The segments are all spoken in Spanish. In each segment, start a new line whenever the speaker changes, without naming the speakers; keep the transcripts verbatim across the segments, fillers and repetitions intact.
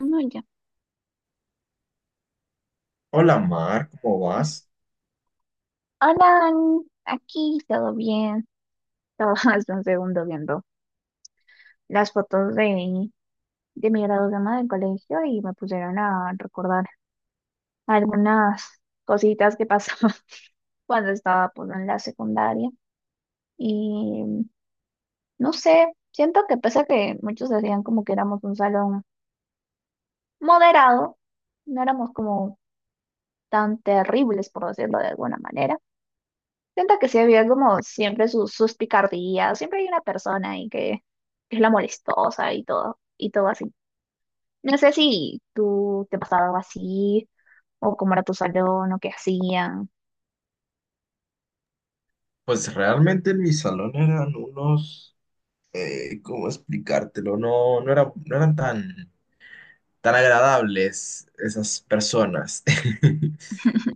No, ya.
Hola Mar, ¿cómo vas?
Hola, Dani. Aquí todo bien. Estaba hace un segundo viendo las fotos de, de mi graduación del colegio y me pusieron a recordar algunas cositas que pasaban cuando estaba pues, en la secundaria. Y no sé, siento que pese a que muchos decían como que éramos un salón moderado, no éramos como tan terribles, por decirlo de alguna manera. Siento que sí había como siempre sus, sus picardías, siempre hay una persona ahí que, que es la molestosa y todo, y todo así. No sé si tú te pasaba algo así, o cómo era tu salón, o qué hacían.
Pues realmente en mi salón eran unos, eh, ¿cómo explicártelo? No, no era- no eran tan, tan agradables esas personas.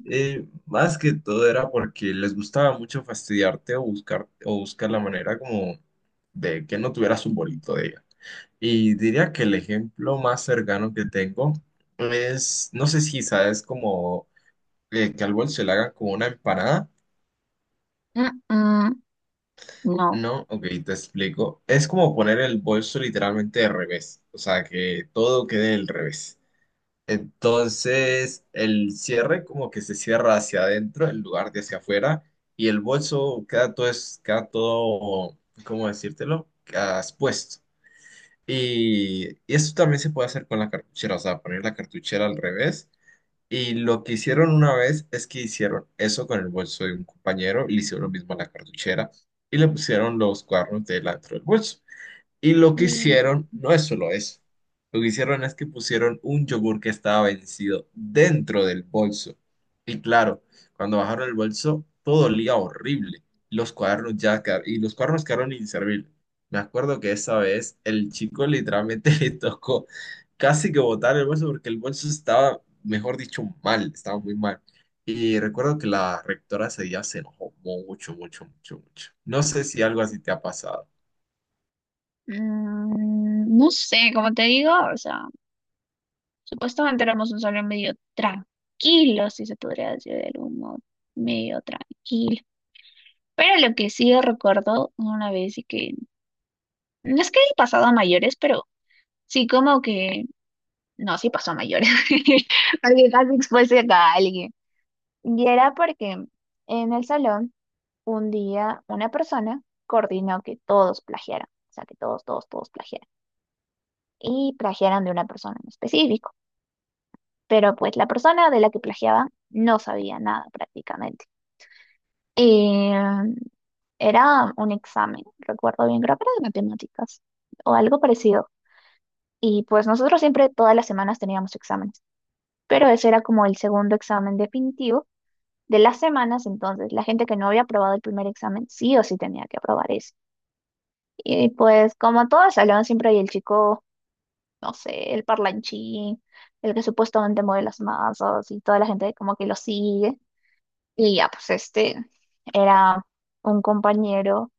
Eh, más que todo era porque les gustaba mucho fastidiarte o buscar, o buscar la manera como de que no tuvieras un bonito día. Y diría que el ejemplo más cercano que tengo es, no sé si sabes como eh, que al bolso se le haga como una empanada.
Mm, mm, no.
No, ok, te explico. Es como poner el bolso literalmente de revés, o sea, que todo quede del revés. Entonces, el cierre como que se cierra hacia adentro en lugar de hacia afuera y el bolso queda todo, es, queda todo, ¿cómo decírtelo? Queda expuesto. Y, y eso también se puede hacer con la cartuchera, o sea, poner la cartuchera al revés y lo que hicieron una vez es que hicieron eso con el bolso de un compañero, le hicieron lo mismo a la cartuchera y le pusieron los cuernos delante del bolso. Y lo que
Mm.
hicieron no es solo eso. Lo que hicieron es que pusieron un yogur que estaba vencido dentro del bolso. Y claro, cuando bajaron el bolso, todo olía horrible. Los cuadernos ya quedaron, y los cuadernos quedaron inservibles. Me acuerdo que esa vez el chico literalmente le tocó casi que botar el bolso porque el bolso estaba, mejor dicho, mal, estaba muy mal. Y recuerdo que la rectora ese día se enojó mucho, mucho, mucho, mucho. No sé si algo así te ha pasado.
Mm, no sé, como te digo, o sea, supuestamente éramos un salón medio tranquilo, si se podría decir de algún modo, medio tranquilo. Pero lo que sí recuerdo una vez y que, no es que he pasado a mayores, pero sí, como que, no, sí pasó a mayores, porque casi expuse a alguien. Y era porque en el salón, un día, una persona coordinó que todos plagiaran, o sea, que todos, todos, todos plagiaran, y plagiaran de una persona en específico. Pero pues la persona de la que plagiaban no sabía nada prácticamente. Y mm, era un examen, recuerdo bien, creo que era de matemáticas o algo parecido. Y pues nosotros siempre, todas las semanas teníamos exámenes, pero ese era como el segundo examen definitivo de las semanas, entonces la gente que no había aprobado el primer examen sí o sí tenía que aprobar ese. Y pues como todos hablaban siempre y el chico, no sé, el parlanchín, el que supuestamente mueve las masas y toda la gente como que lo sigue. Y ya, pues este era un compañero,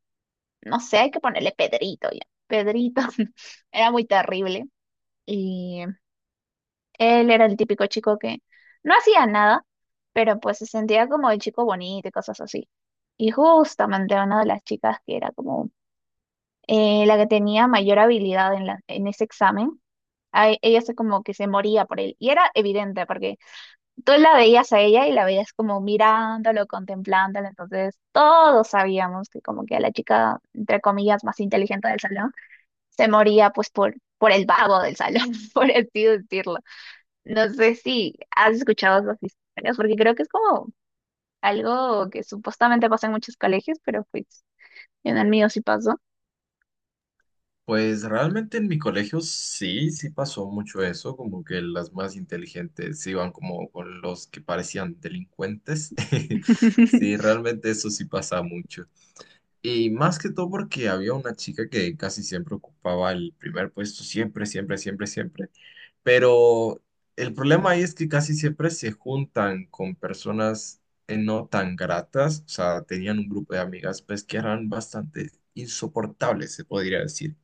no sé, hay que ponerle Pedrito ya. Pedrito era muy terrible y él era el típico chico que no hacía nada, pero pues se sentía como el chico bonito y cosas así. Y justamente una de las chicas que era como eh, la que tenía mayor habilidad en, la- en ese examen, a e- ella se como que se moría por él. Y era evidente porque tú la veías a ella y la veías como mirándolo, contemplándolo. Entonces todos sabíamos que como que a la chica, entre comillas, más inteligente del salón, se moría pues por, por el vago del salón, por así decirlo. No sé si has escuchado esas historias, porque creo que es como algo que supuestamente pasa en muchos colegios, pero pues en el mío sí pasó.
Pues realmente en mi colegio sí, sí pasó mucho eso, como que las más inteligentes se iban como con los que parecían delincuentes. Sí, realmente eso sí pasa mucho. Y más que todo porque había una chica que casi siempre ocupaba el primer puesto, siempre, siempre, siempre, siempre. Pero el problema ahí es que casi siempre se juntan con personas eh, no tan gratas, o sea, tenían un grupo de amigas pues que eran bastante insoportables, se podría decir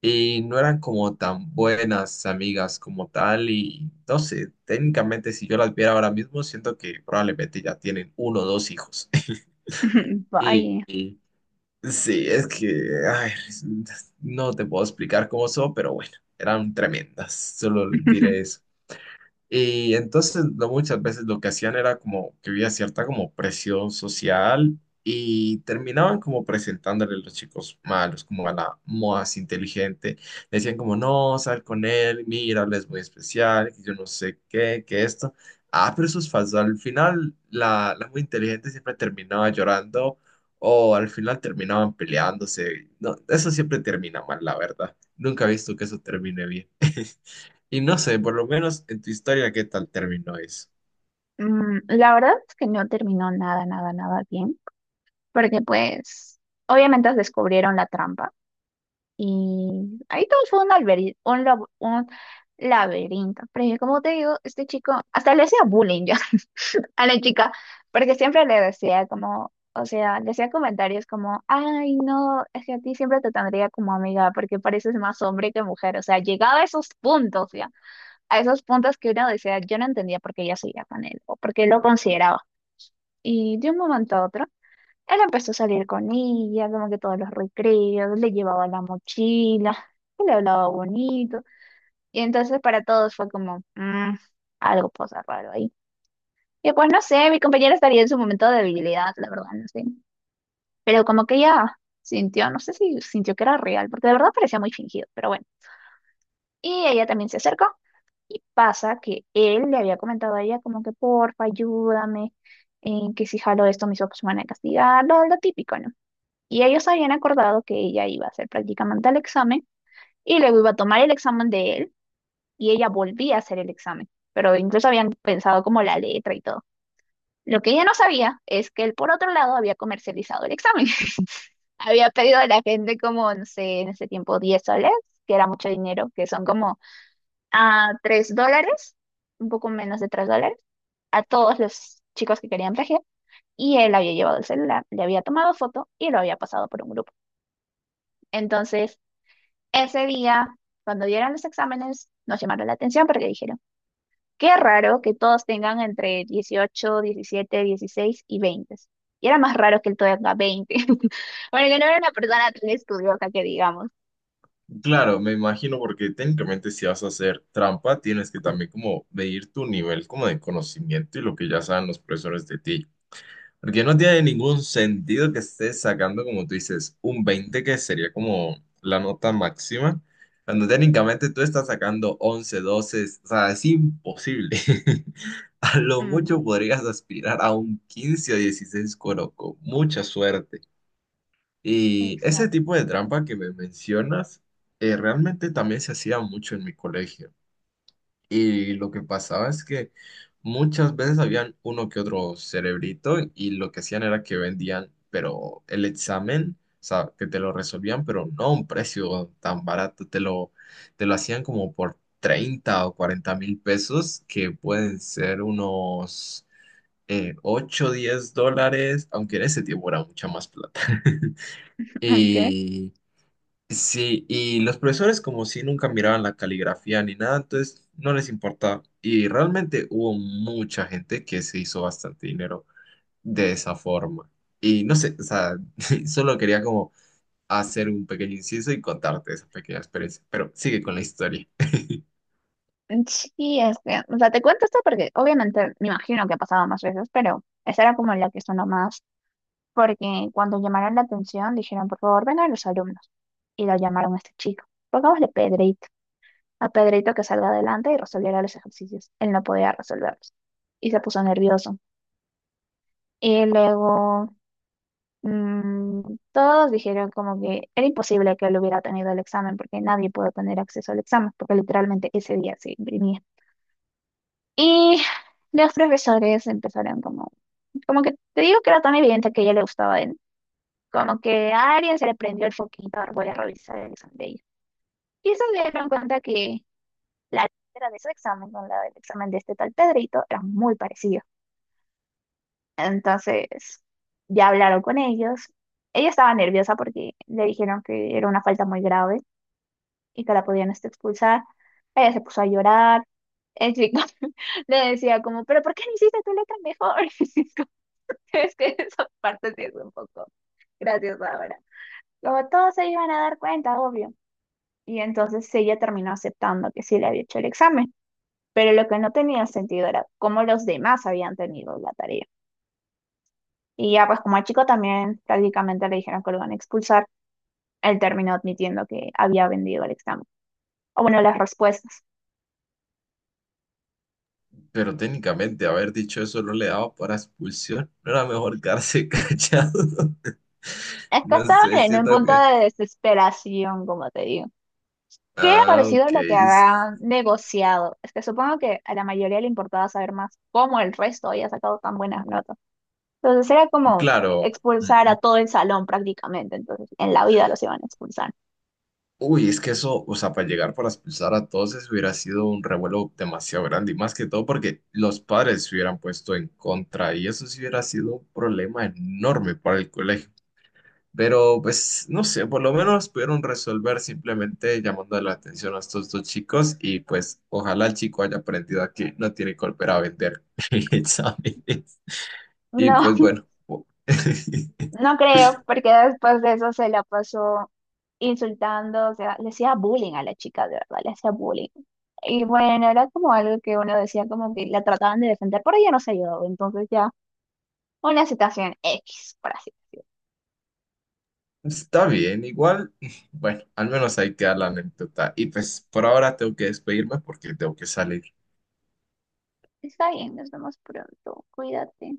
y no eran como tan buenas amigas como tal y no sé, técnicamente si yo las viera ahora mismo, siento que probablemente ya tienen uno o dos hijos. Y,
Vaya.
y sí, es que, ay, no te puedo explicar cómo son, pero bueno, eran tremendas, solo diré eso. Y entonces lo- muchas veces lo que hacían era como que había cierta como presión social y terminaban como presentándole a los chicos malos, como a la más inteligente. Decían como, no, sal con él, mira, él es muy especial, que yo no sé qué, que esto. Ah, pero eso es falso. Al final la, la muy inteligente siempre terminaba llorando o al final terminaban peleándose. No, eso siempre termina mal, la verdad. Nunca he visto que eso termine bien. Y no sé, por lo menos en tu historia, ¿qué tal terminó eso?
Mm, La verdad es que no terminó nada, nada, nada bien, porque pues obviamente descubrieron la trampa y ahí todo fue un, alberi- un, lab- un laberinto. Pero yo, como te digo, este chico hasta le hacía bullying ya a la chica, porque siempre le decía como, o sea, le hacía comentarios como, ay, no, es que a ti siempre te tendría como amiga, porque pareces más hombre que mujer, o sea, llegaba a esos puntos ya, a esos puntos que uno decía, yo no entendía por qué ella seguía con él, o por qué lo consideraba. Y de un momento a otro, él empezó a salir con ella, como que todos los recreos, le llevaba la mochila, y le hablaba bonito, y entonces para todos fue como, "Mm, algo pasa raro ahí", y pues no sé, mi compañera estaría en su momento de debilidad, la verdad, no sé. Pero como que ella sintió, no sé si sintió que era real, porque de verdad parecía muy fingido, pero bueno. Y ella también se acercó y pasa que él le había comentado a ella como que porfa, ayúdame, eh, que si jalo esto mis papás me van a castigar, lo, lo típico, ¿no? Y ellos habían acordado que ella iba a hacer prácticamente el examen y luego iba a tomar el examen de él y ella volvía a hacer el examen. Pero incluso habían pensado como la letra y todo. Lo que ella no sabía es que él, por otro lado, había comercializado el examen. Había pedido a la gente como, no sé, en ese tiempo diez soles, que era mucho dinero, que son como a tres dólares, un poco menos de tres dólares, a todos los chicos que querían plagiar. Y él había llevado el celular, le había tomado foto y lo había pasado por un grupo. Entonces, ese día, cuando dieron los exámenes, nos llamaron la atención porque dijeron, qué raro que todos tengan entre dieciocho, diecisiete, dieciséis y veinte. Y era más raro que él todavía tenga veinte. Porque no era una persona tan estudiosa que digamos.
Claro, me imagino porque técnicamente si vas a hacer trampa, tienes que también como medir tu nivel como de conocimiento y lo que ya saben los profesores de ti. Porque no tiene ningún sentido que estés sacando, como tú dices, un veinte, que sería como la nota máxima, cuando técnicamente tú estás sacando once, doce, o sea, es imposible. A lo
Mm,
mucho podrías aspirar a un quince o dieciséis coro con mucha suerte. Y ese
exacto.
tipo de trampa que me mencionas, eh, realmente también se hacía mucho en mi colegio. Y lo que pasaba es que muchas veces habían uno que otro cerebrito y lo que hacían era que vendían, pero el examen, o sea, que te lo resolvían, pero no a un precio tan barato, te lo, te lo hacían como por treinta o cuarenta mil pesos, que pueden ser unos eh, ocho o diez dólares, aunque en ese tiempo era mucha más plata.
Okay.
Y Sí, y los profesores como si nunca miraban la caligrafía ni nada, entonces no les importaba. Y realmente hubo mucha gente que se hizo bastante dinero de esa forma. Y no sé, o sea, solo quería como hacer un pequeño inciso y contarte esa pequeña experiencia, pero sigue con la historia.
Sí, es que, o sea, te cuento esto porque obviamente me imagino que ha pasado más veces, pero esa era como la que sonó más porque cuando llamaron la atención dijeron, por favor, vengan los alumnos. Y lo llamaron a este chico. Pongámosle Pedrito, a Pedrito que salga adelante y resolviera los ejercicios. Él no podía resolverlos y se puso nervioso. Y luego mm, todos dijeron como que era imposible que él hubiera tenido el examen porque nadie pudo tener acceso al examen porque literalmente ese día se imprimía. Y los profesores empezaron como, como que te digo que era tan evidente que a ella le gustaba. Como que a alguien se le prendió el foquito, ahora voy a revisar el examen de ella. Y eso, se dieron cuenta que la letra de su examen con la del examen de este tal Pedrito era muy parecida. Entonces, ya hablaron con ellos. Ella estaba nerviosa porque le dijeron que era una falta muy grave y que la podían este, expulsar. Ella se puso a llorar. El chico le decía como, pero ¿por qué no hiciste tu letra mejor? Como, es que esa parte sí es un poco graciosa ahora. Como todos se iban a dar cuenta, obvio. Y entonces ella terminó aceptando que sí le había hecho el examen, pero lo que no tenía sentido era cómo los demás habían tenido la tarea. Y ya pues como al chico también prácticamente le dijeron que lo iban a expulsar, él terminó admitiendo que había vendido el examen. O bueno, las respuestas.
Pero técnicamente haber dicho eso no le daba para expulsión, no era mejor quedarse callado.
Es que
No
estaban
sé,
en un
siento
punto
que...
de desesperación, como te digo. ¿Qué habrá
Ah,
sido
ok.
lo que
s-
habrán negociado? Es que supongo que a la mayoría le importaba saber más cómo el resto había sacado tan buenas notas. Entonces era como
Claro.
expulsar a todo el salón prácticamente. Entonces en la vida los iban a expulsar.
Uy, es que eso, o sea, para llegar para expulsar a todos eso hubiera sido un revuelo demasiado grande y más que todo porque los padres se hubieran puesto en contra y eso sí hubiera sido un problema enorme para el colegio. Pero pues, no sé, por lo menos pudieron resolver simplemente llamando la atención a estos dos chicos y pues ojalá el chico haya aprendido a que no tiene que volver a vender exámenes. Y
No,
pues bueno. po-
no creo, porque después de eso se la pasó insultando, o sea, le hacía bullying a la chica, de verdad, le hacía bullying. Y bueno, era como algo que uno decía como que la trataban de defender, pero ella no se ayudó, entonces ya una situación X, por así decirlo.
Está bien, igual, bueno, al menos ahí queda la anécdota. Y pues por ahora tengo que despedirme porque tengo que salir.
Está bien, nos vemos pronto. Cuídate.